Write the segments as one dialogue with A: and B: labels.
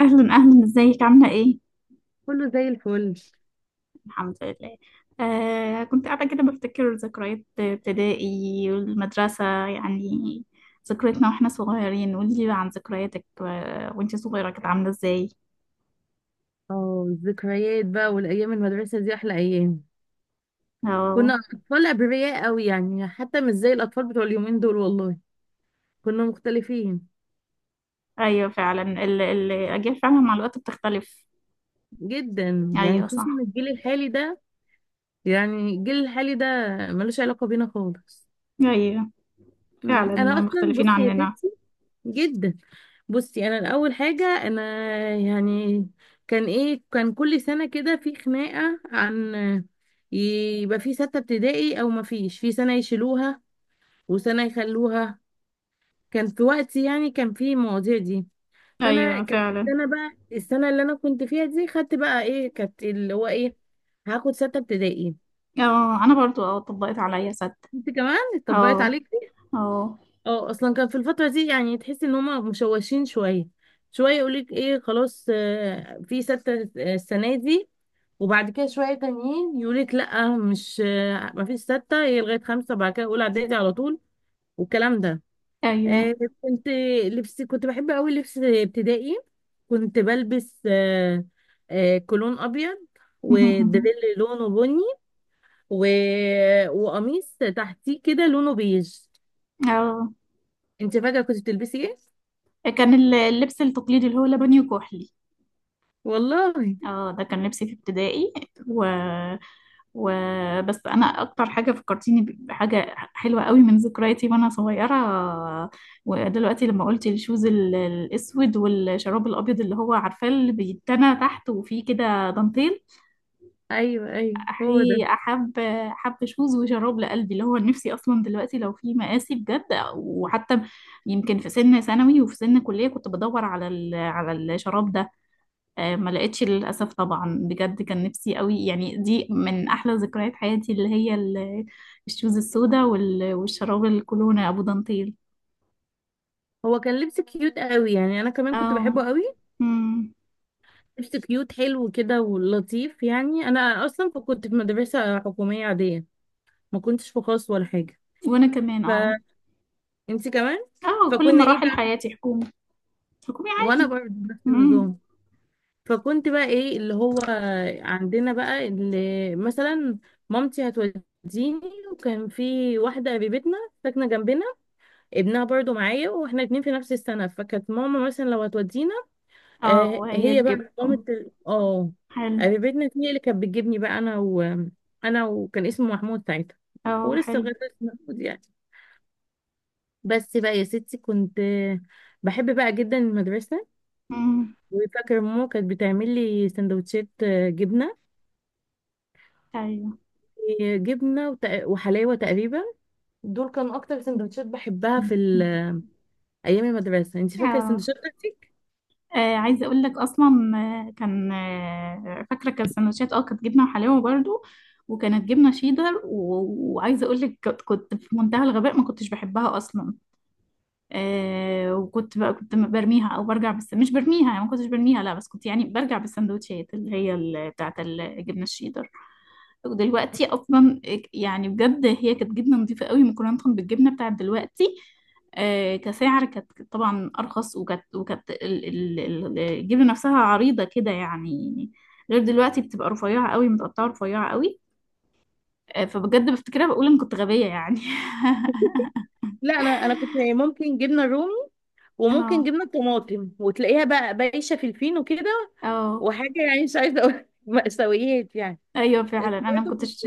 A: أهلا أهلا، ازيك عاملة ايه؟
B: كله زي الفل.
A: الحمد لله. آه كنت قاعدة كده بفتكر ذكريات ابتدائي والمدرسة يعني، ذكرياتنا واحنا صغيرين. قولي لي عن ذكرياتك وانتي صغيرة، كانت عاملة ازاي؟
B: اه الذكريات بقى والايام المدرسه دي احلى ايام.
A: اه.
B: كنا اطفال ابرياء قوي، يعني حتى مش زي الاطفال بتوع اليومين دول والله. كنا مختلفين
A: ايوه فعلا، الأجيال فعلا مع الوقت بتختلف.
B: جدا، يعني
A: ايوه
B: خصوصا
A: صح.
B: الجيل الحالي ده. يعني الجيل الحالي ده ملوش علاقه بينا خالص.
A: ايوه فعلا
B: انا اصلا
A: مختلفين
B: بصي يا
A: عننا.
B: تيتي جدا. بصي، انا الاول حاجه، انا يعني كان ايه، كل سنه كده في خناقه عن يبقى في ستة ابتدائي او ما فيش، في سنة يشيلوها وسنة يخلوها. كان في وقتي يعني كان في المواضيع دي. فانا
A: ايوه
B: كانت
A: فعلا.
B: السنة، بقى السنة اللي انا كنت فيها دي خدت بقى ايه، كانت اللي هو ايه، هاخد ستة ابتدائي.
A: اه، انا برضو طبقت عليا صدق.
B: انت كمان اتطبقت
A: اه.
B: عليك دي؟
A: اه.
B: اه، اصلا كان في الفترة دي يعني تحس ان هما مشوشين شوية. شوية يقولك ايه، خلاص في ستة السنة دي، وبعد كده شوية تانيين يقولك لأ، مش مفيش ستة، هي لغاية خمسة بعد كده أولى إعدادي على طول، والكلام ده.
A: ايوه.
B: آه، كنت لبس، كنت بحب قوي لبس ابتدائي. كنت بلبس كولون ابيض ودريل لونه بني، و... وقميص تحتيه كده لونه بيج.
A: اه،
B: انت فاكره كنت بتلبسي ايه؟
A: كان اللبس التقليدي اللي هو لبني وكحلي.
B: والله.
A: اه، ده كان لبسي في ابتدائي. و... و... بس انا اكتر حاجه فكرتيني بحاجه حلوه قوي من ذكرياتي وانا صغيره. ودلوقتي لما قلت الشوز الاسود والشراب الابيض اللي هو عارفاه، اللي بيتنى تحت وفيه كده دانتيل.
B: ايوه ايوه، هو ده.
A: احي، احب شوز وشراب لقلبي، اللي هو نفسي اصلا دلوقتي لو في مقاسي بجد. وحتى يمكن في سن ثانوي وفي سن كليه كنت بدور على الشراب ده. ما لقيتش للأسف، طبعا بجد كان نفسي قوي يعني. دي من أحلى ذكريات حياتي، اللي هي الشوز السوداء والشراب الكولونا أبو دانتيل.
B: هو كان لبس كيوت قوي، يعني انا كمان كنت
A: اه.
B: بحبه قوي.
A: امم.
B: لبس كيوت حلو كده ولطيف. يعني انا اصلا كنت في مدرسه حكوميه عاديه، ما كنتش في خاص ولا حاجه.
A: وأنا كمان
B: فانت
A: اه.
B: كمان.
A: اه، كل
B: فكنا ايه،
A: مراحل حياتي حكومي. حكومي
B: وانا
A: عادي.
B: برضه نفس
A: امم.
B: النظام. فكنت بقى ايه اللي هو، عندنا بقى اللي مثلا مامتي هتوديني، وكان في واحده قريبتنا ساكنه جنبنا ابنها برضه معايا، واحنا اتنين في نفس السنه، فكانت ماما مثلا لو هتودينا،
A: اه،
B: آه
A: وهي
B: هي بقى مامة
A: تجيبكم.
B: ال- اه،
A: حلو.
B: قريبتنا دي هي اللي كانت بتجيبني بقى انا وكان اسمه محمود ساعتها. هو
A: اه.
B: لسه
A: حلو.
B: لغايه دلوقتي اسمه محمود يعني. بس بقى يا ستي، كنت بحب بقى جدا المدرسه.
A: امم.
B: وفاكره ماما كانت بتعمل لي سندوتشات جبنه،
A: أيوه.
B: آه، جبنه وت- وحلاوه تقريبا. دول كانوا اكتر سندوتشات بحبها في ال- ايام المدرسه. انت فاكره
A: اه،
B: السندوتشات بتاعتك؟
A: آه عايزه اقول لك اصلا. كان فاكره، كان سندوتشات كانت جبنه وحلاوه برضو. وكانت جبنه شيدر وعايزه اقول لك كنت في منتهى الغباء، ما كنتش بحبها اصلا. وكنت بقى، كنت برميها او برجع، بس مش برميها يعني، ما كنتش برميها لا، بس كنت يعني برجع بالسندوتشات اللي هي بتاعت الجبنه الشيدر. ودلوقتي اصلا يعني بجد هي كانت جبنه نظيفه قوي مقارنه بالجبنه بتاعت دلوقتي. كسعر كانت طبعا ارخص، وكانت الجبنه نفسها عريضه كده يعني غير دلوقتي بتبقى رفيعه قوي، متقطعه رفيعه قوي. فبجد بفتكرها، بقول ان كنت غبيه يعني.
B: لا، انا كنت ممكن جبنه رومي وممكن
A: اه.
B: جبنه طماطم، وتلاقيها بقى بايشه في الفينو كده،
A: اه.
B: وحاجه يعني مش عايزه اقول مأساويات يعني.
A: ايوه
B: بس
A: فعلا، انا ما
B: برضه كنت،
A: كنتش.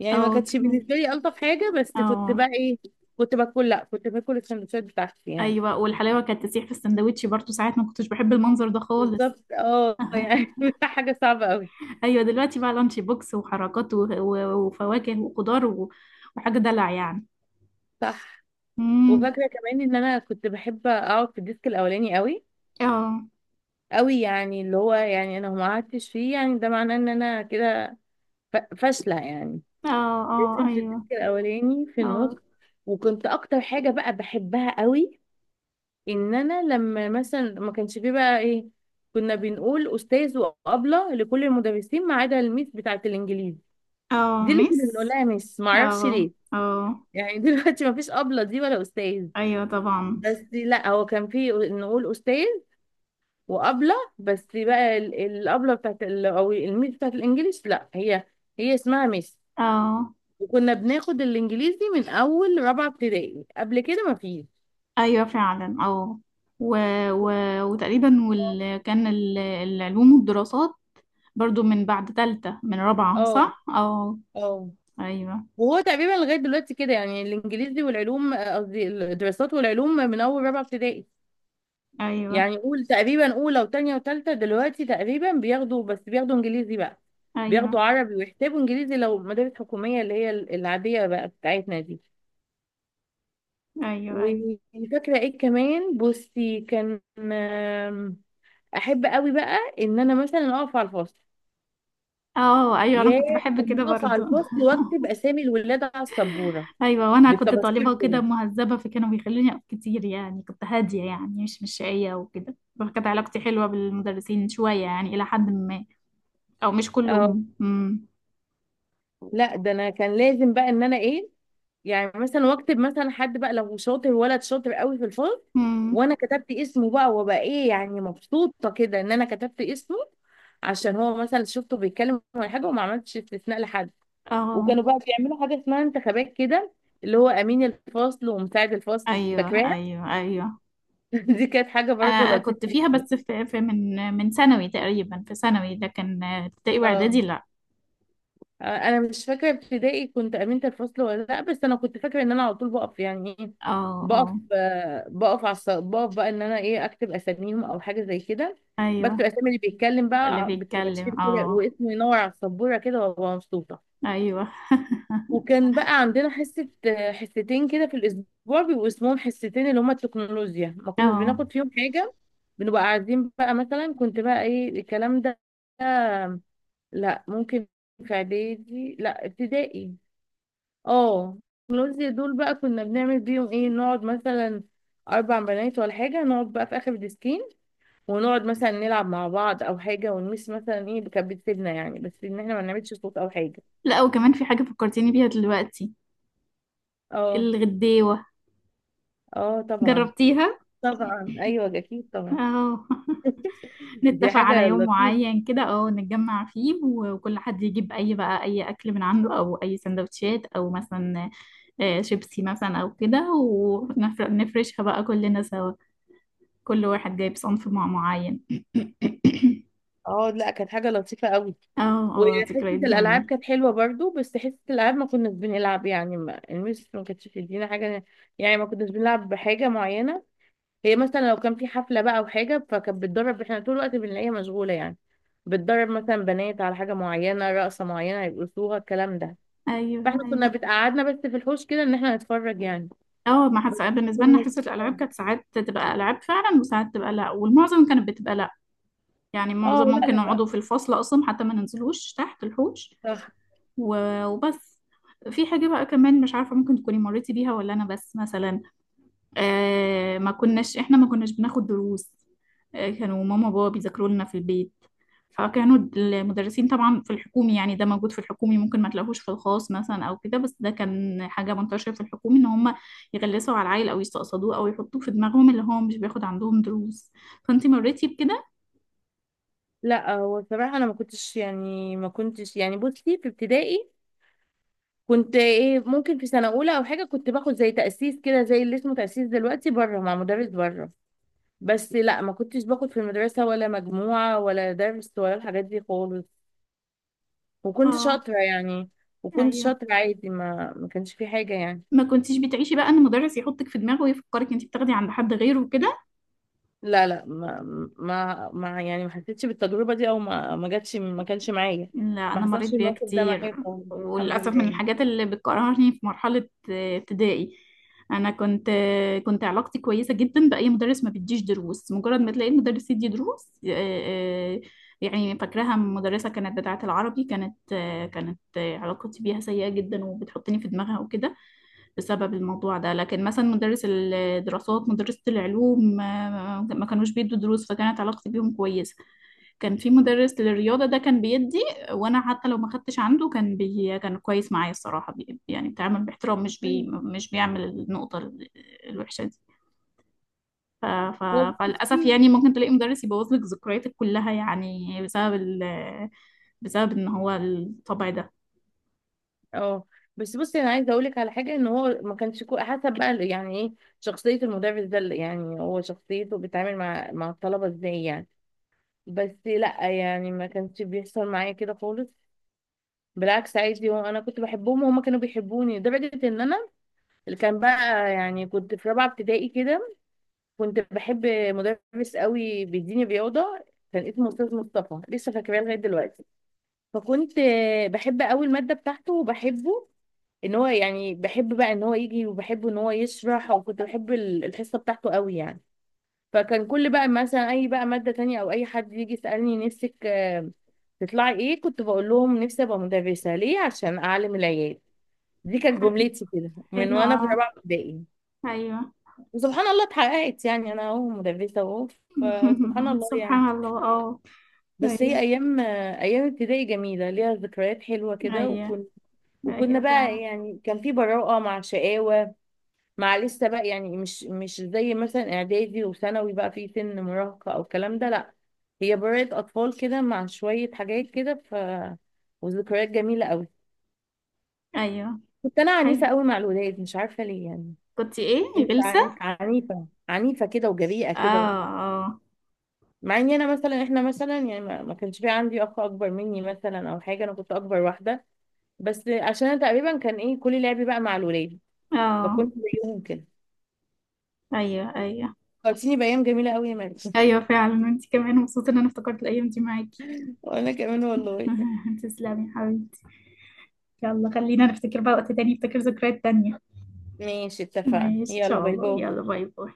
B: يعني ما
A: اه
B: كانتش
A: كمان.
B: بالنسبه لي الطف حاجه، بس كنت بقى
A: اه.
B: ايه، كنت باكل لا كنت باكل السندوتشات بتاعتي يعني.
A: ايوه، والحلاوه كانت تسيح في السندوتش برضو ساعات، ما كنتش بحب المنظر ده خالص.
B: بالظبط اه يعني حاجه صعبه قوي.
A: ايوه دلوقتي بقى لانش بوكس وحركات وفواكه وخضار وحاجه دلع يعني.
B: صح.
A: امم.
B: وفاكره كمان ان انا كنت بحب اقعد في الديسك الاولاني قوي
A: اه.
B: قوي، يعني اللي هو يعني انا لو ما قعدتش فيه يعني ده معناه ان انا كده فاشله يعني.
A: اه. اه.
B: لازم في الديسك
A: ايوه.
B: الاولاني في النص.
A: اه.
B: وكنت اكتر حاجه بقى بحبها قوي ان انا لما مثلا ما كانش فيه بقى ايه، كنا بنقول استاذ وابله لكل المدرسين ما عدا الميس بتاعه الانجليزي،
A: اه،
B: دي اللي كنا
A: ميس.
B: بنقولها يا ميس، ما اعرفش
A: اه.
B: ليه
A: اه،
B: يعني دلوقتي ما فيش ابله دي ولا استاذ،
A: ايوه طبعا.
B: بس لا هو كان فيه نقول استاذ وابله، بس بقى ال- الابله بتاعت ال- او الميس بتاعت الانجليش، لا هي هي اسمها ميس.
A: اه،
B: وكنا بناخد الانجليزي من اول رابعه ابتدائي، قبل كده ما فيش.
A: ايوه فعلا. اه. و... و... وتقريبا كان العلوم والدراسات برضو من بعد تالتة، من رابعة
B: اه
A: صح؟ اه.
B: اه.
A: ايوه.
B: وهو تقريبا لغايه دلوقتي كده يعني الانجليزي والعلوم، قصدي الدراسات والعلوم، من اول رابعه ابتدائي.
A: ايوه.
B: يعني قول تقريبا اولى وثانيه وثالثه دلوقتي تقريبا بياخدوا، بس بياخدوا انجليزي بقى، بياخدوا
A: ايوه.
B: عربي ويحتاجوا انجليزي، لو مدارس حكوميه اللي هي ال- العاديه بقى بتاعتنا دي.
A: ايوه. ايوه.
B: وفاكره ايه كمان، بصي كان احب قوي بقى ان انا مثلا اقف على الفصل.
A: اه، ايوه انا
B: يا
A: كنت بحب
B: كان
A: كده
B: اقف
A: برضو.
B: على الفصل واكتب اسامي الولاد على السبوره
A: ايوه، وانا كنت
B: بالطباشير
A: طالبه كده
B: كده.
A: مهذبه، فكانوا بيخلوني اقف كتير يعني، كنت هاديه يعني، مش شقيه وكده، فكانت علاقتي حلوه بالمدرسين شويه يعني، الى حد ما. او مش
B: اه
A: كلهم. امم.
B: لا، ده انا كان لازم بقى ان انا ايه، يعني مثلا واكتب مثلا حد بقى لو شاطر، ولد شاطر قوي في الفصل
A: امم.
B: وانا كتبت اسمه بقى، وابقى ايه يعني مبسوطه كده ان انا كتبت اسمه، عشان هو مثلا شفته بيتكلم ولا حاجه وما عملتش استثناء لحد.
A: اه.
B: وكانوا بقى بيعملوا حاجة اسمها انتخابات كده، اللي هو أمين الفصل ومساعد الفصل،
A: ايوه.
B: فاكراها؟
A: ايوه. ايوه.
B: دي كانت حاجة برضه
A: انا كنت
B: لطيفة.
A: فيها، بس في من ثانوي تقريبا، في ثانوي، لكن ابتدائي
B: اه.
A: واعدادي لا.
B: أنا مش فاكرة ابتدائي كنت أمينة الفصل ولا لأ، بس أنا كنت فاكرة إن أنا على طول بقف يعني إيه،
A: اه.
B: بقف
A: اه.
B: آه، بقف على الص- بقف بقى إن أنا إيه أكتب أساميهم أو حاجة زي كده. بكتب
A: ايوه،
B: أسامي اللي بيتكلم بقى
A: اللي
B: ع- بالطباشير
A: بيتكلم
B: كده،
A: اه.
B: واسمه ينور على السبورة كده وأبقى مبسوطة.
A: ايوه.
B: وكان بقى عندنا حصتين كده في الأسبوع بيبقوا اسمهم حصتين، اللي هما التكنولوجيا، ما كناش
A: اه.
B: بناخد فيهم حاجة. بنبقى قاعدين بقى مثلا، كنت بقى إيه الكلام ده، لا ممكن في إعدادي لا ابتدائي. اه التكنولوجيا دول بقى كنا بنعمل بيهم إيه، نقعد مثلا أربع بنات ولا حاجة، نقعد بقى في آخر الديسكين ونقعد مثلا نلعب مع بعض أو حاجة، ونمس مثلا إيه، كانت بتسيبنا يعني بس إن إحنا ما نعملش صوت أو حاجة.
A: لا، وكمان في حاجه فكرتيني بيها دلوقتي.
B: اه
A: الغديوه،
B: اه. طبعا.
A: جربتيها؟
B: طبعا ايوه اكيد طبعا.
A: اه.
B: دي
A: نتفق على
B: حاجه
A: يوم
B: لطيفه.
A: معين كده، نتجمع فيه وكل حد يجيب اي بقى، اي اكل من عنده او اي سندوتشات، او مثلا شيبسي مثلا او كده، ونفرشها بقى كلنا سوا، كل واحد جايب صنف معين.
B: اه لا، كانت حاجه لطيفه قوي.
A: اه. اه،
B: وحصه
A: ذكريات
B: الالعاب
A: جميلة.
B: كانت حلوه برضو، بس حصه الالعاب ما كناش بنلعب، يعني ما المس ما كانتش بتدينا حاجه، يعني ما كناش بنلعب بحاجه معينه. هي مثلا لو كان في حفله بقى او حاجه فكانت بتدرب، احنا طول الوقت بنلاقيها مشغوله يعني، بتدرب مثلا بنات على حاجه معينه، رقصه معينه يرقصوها، الكلام ده.
A: ايوه.
B: فاحنا كنا
A: ايوه.
B: بتقعدنا بس في الحوش كده ان احنا نتفرج يعني.
A: اه ما
B: بس
A: حس... بالنسبة لنا
B: كنا.
A: حصة الألعاب كانت ساعات تبقى ألعاب فعلا، وساعات تبقى لأ، والمعظم كانت بتبقى لأ. يعني
B: اه.
A: معظم ممكن
B: لا لا
A: نقعدوا في الفصل أصلا، حتى ما ننزلوش تحت الحوش
B: لا
A: وبس. في حاجة بقى كمان مش عارفة ممكن تكوني مريتي بيها ولا أنا، بس مثلا آه، ما كناش إحنا ما كناش بناخد دروس. آه، كانوا ماما وبابا بيذاكروا لنا في البيت، فكانوا المدرسين طبعا في الحكومي، يعني ده موجود في الحكومي، ممكن ما تلاقوش في الخاص مثلا أو كده، بس ده كان حاجة منتشرة في الحكومي إن هم يغلسوا على العيل أو يستقصدوه أو يحطوه في دماغهم اللي هو مش بياخد عندهم دروس. فأنتي مريتي بكده؟
B: لا هو بصراحة أنا ما كنتش يعني، ما كنتش يعني، بصي في ابتدائي كنت إيه، ممكن في سنة أولى أو حاجة كنت باخد زي تأسيس كده، زي اللي اسمه تأسيس دلوقتي، بره مع مدرس بره، بس لا ما كنتش باخد في المدرسة ولا مجموعة ولا درس ولا الحاجات دي خالص. وكنت
A: اه.
B: شاطرة يعني، وكنت
A: ايوه.
B: شاطرة عادي، ما كانش في حاجة يعني.
A: ما كنتيش بتعيشي بقى ان مدرس يحطك في دماغه ويفكرك انت بتاخدي عند حد غيره وكده.
B: لا، ما ما, ما يعني ما حسيتش بالتجربة دي، أو ما ما جاتش، ما كانش معايا.
A: لا،
B: ما
A: أنا مريت
B: حصلش
A: بيها
B: الموقف ده
A: كتير.
B: معايا خالص. الحمد
A: وللأسف
B: لله
A: من
B: يعني.
A: الحاجات اللي بتكرهني في مرحلة ابتدائي، أنا كنت علاقتي كويسة جدا بأي مدرس ما بيديش دروس. مجرد ما تلاقي المدرس يدي دروس يعني فاكراها، مدرسة كانت بتاعة العربي، كانت آه، كانت آه، علاقتي بيها سيئة جدا وبتحطني في دماغها وكده بسبب الموضوع ده. لكن مثلا مدرس الدراسات، مدرسة العلوم، ما كانوش بيدوا دروس، فكانت علاقتي بيهم كويسة. كان في مدرس للرياضة ده كان بيدي، وانا حتى لو ما خدتش عنده كان كان كويس معايا الصراحة، يعني بيتعامل باحترام، مش بيعمل النقطة الوحشة دي. ف... ف...
B: هو
A: فللأسف
B: بصي،
A: يعني ممكن تلاقي مدرس يبوظ لك ذكرياتك كلها يعني بسبب، بسبب ان هو الطبع ده.
B: اه، بس بصي انا عايزه اقول لك على حاجه، ان هو ما كانش كو- حسب بقى يعني ايه شخصيه المدرس ده اللي- يعني هو شخصيته بيتعامل مع الطلبه ازاي يعني. بس لا يعني ما كانش بيحصل معايا كده خالص. بالعكس عادي، هو انا كنت بحبهم وهما كانوا بيحبوني لدرجه ان انا اللي كان بقى، يعني كنت في رابعه ابتدائي كده، كنت بحب مدرس قوي بيديني رياضه، كان اسمه استاذ مصطفى، لسه فاكراه لغايه دلوقتي. فكنت بحب قوي الماده بتاعته وبحبه، ان هو يعني بحب بقى ان هو يجي وبحب ان هو يشرح، وكنت بحب ال- الحصه بتاعته قوي يعني. فكان كل بقى مثلا اي بقى ماده تانية او اي حد يجي يسالني، نفسك تطلعي ايه، كنت بقول لهم نفسي ابقى مدرسه، ليه؟ عشان اعلم العيال. دي كانت جملتي كده من
A: حلو
B: وانا في
A: اه.
B: رابعه ابتدائي.
A: ايوه.
B: وسبحان الله اتحققت يعني، انا اهو مدرسه اهو، فسبحان الله يعني.
A: سبحان الله اه.
B: بس هي
A: ايوه.
B: ايام، ايام ابتدائي جميله ليها ذكريات حلوه كده
A: ايوه.
B: وكنا
A: ايوه
B: بقى
A: فعلا.
B: يعني كان في براءه مع شقاوه، مع لسه بقى يعني، مش زي مثلا اعدادي وثانوي بقى في سن مراهقة او الكلام ده، لا هي برائة اطفال كده مع شوية حاجات كده ف، وذكريات جميلة قوي.
A: ايوه.
B: كنت انا عنيفة
A: حلو.
B: قوي مع الولاد، مش عارفة ليه يعني،
A: كنت ايه.
B: كنت
A: غلسة.
B: عنيفة عنيفة كده وجريئة
A: اه.
B: كده.
A: اه.
B: مع اني انا مثلا، احنا مثلا يعني ما ما كانش في عندي اخ اكبر مني مثلا او حاجة، انا كنت اكبر واحدة، بس عشان انا تقريبا كان ايه كل لعبي بقى مع الولاد
A: اه.
B: فكنت زيهم كده.
A: ايوه. ايوه.
B: فكرتيني بايام جميلة قوي يا مريم
A: ايوه فعلا، انت كمان مبسوطه ان انا افتكرت الايام دي معاكي.
B: وانا كمان والله.
A: تسلمي يا حبيبتي. يلا خلينا نفتكر بقى وقت تاني، نفتكر ذكريات تانية.
B: ماشي اتفقنا،
A: ماشي ان
B: يلا
A: شاء
B: باي
A: الله،
B: باي.
A: يلا باي باي.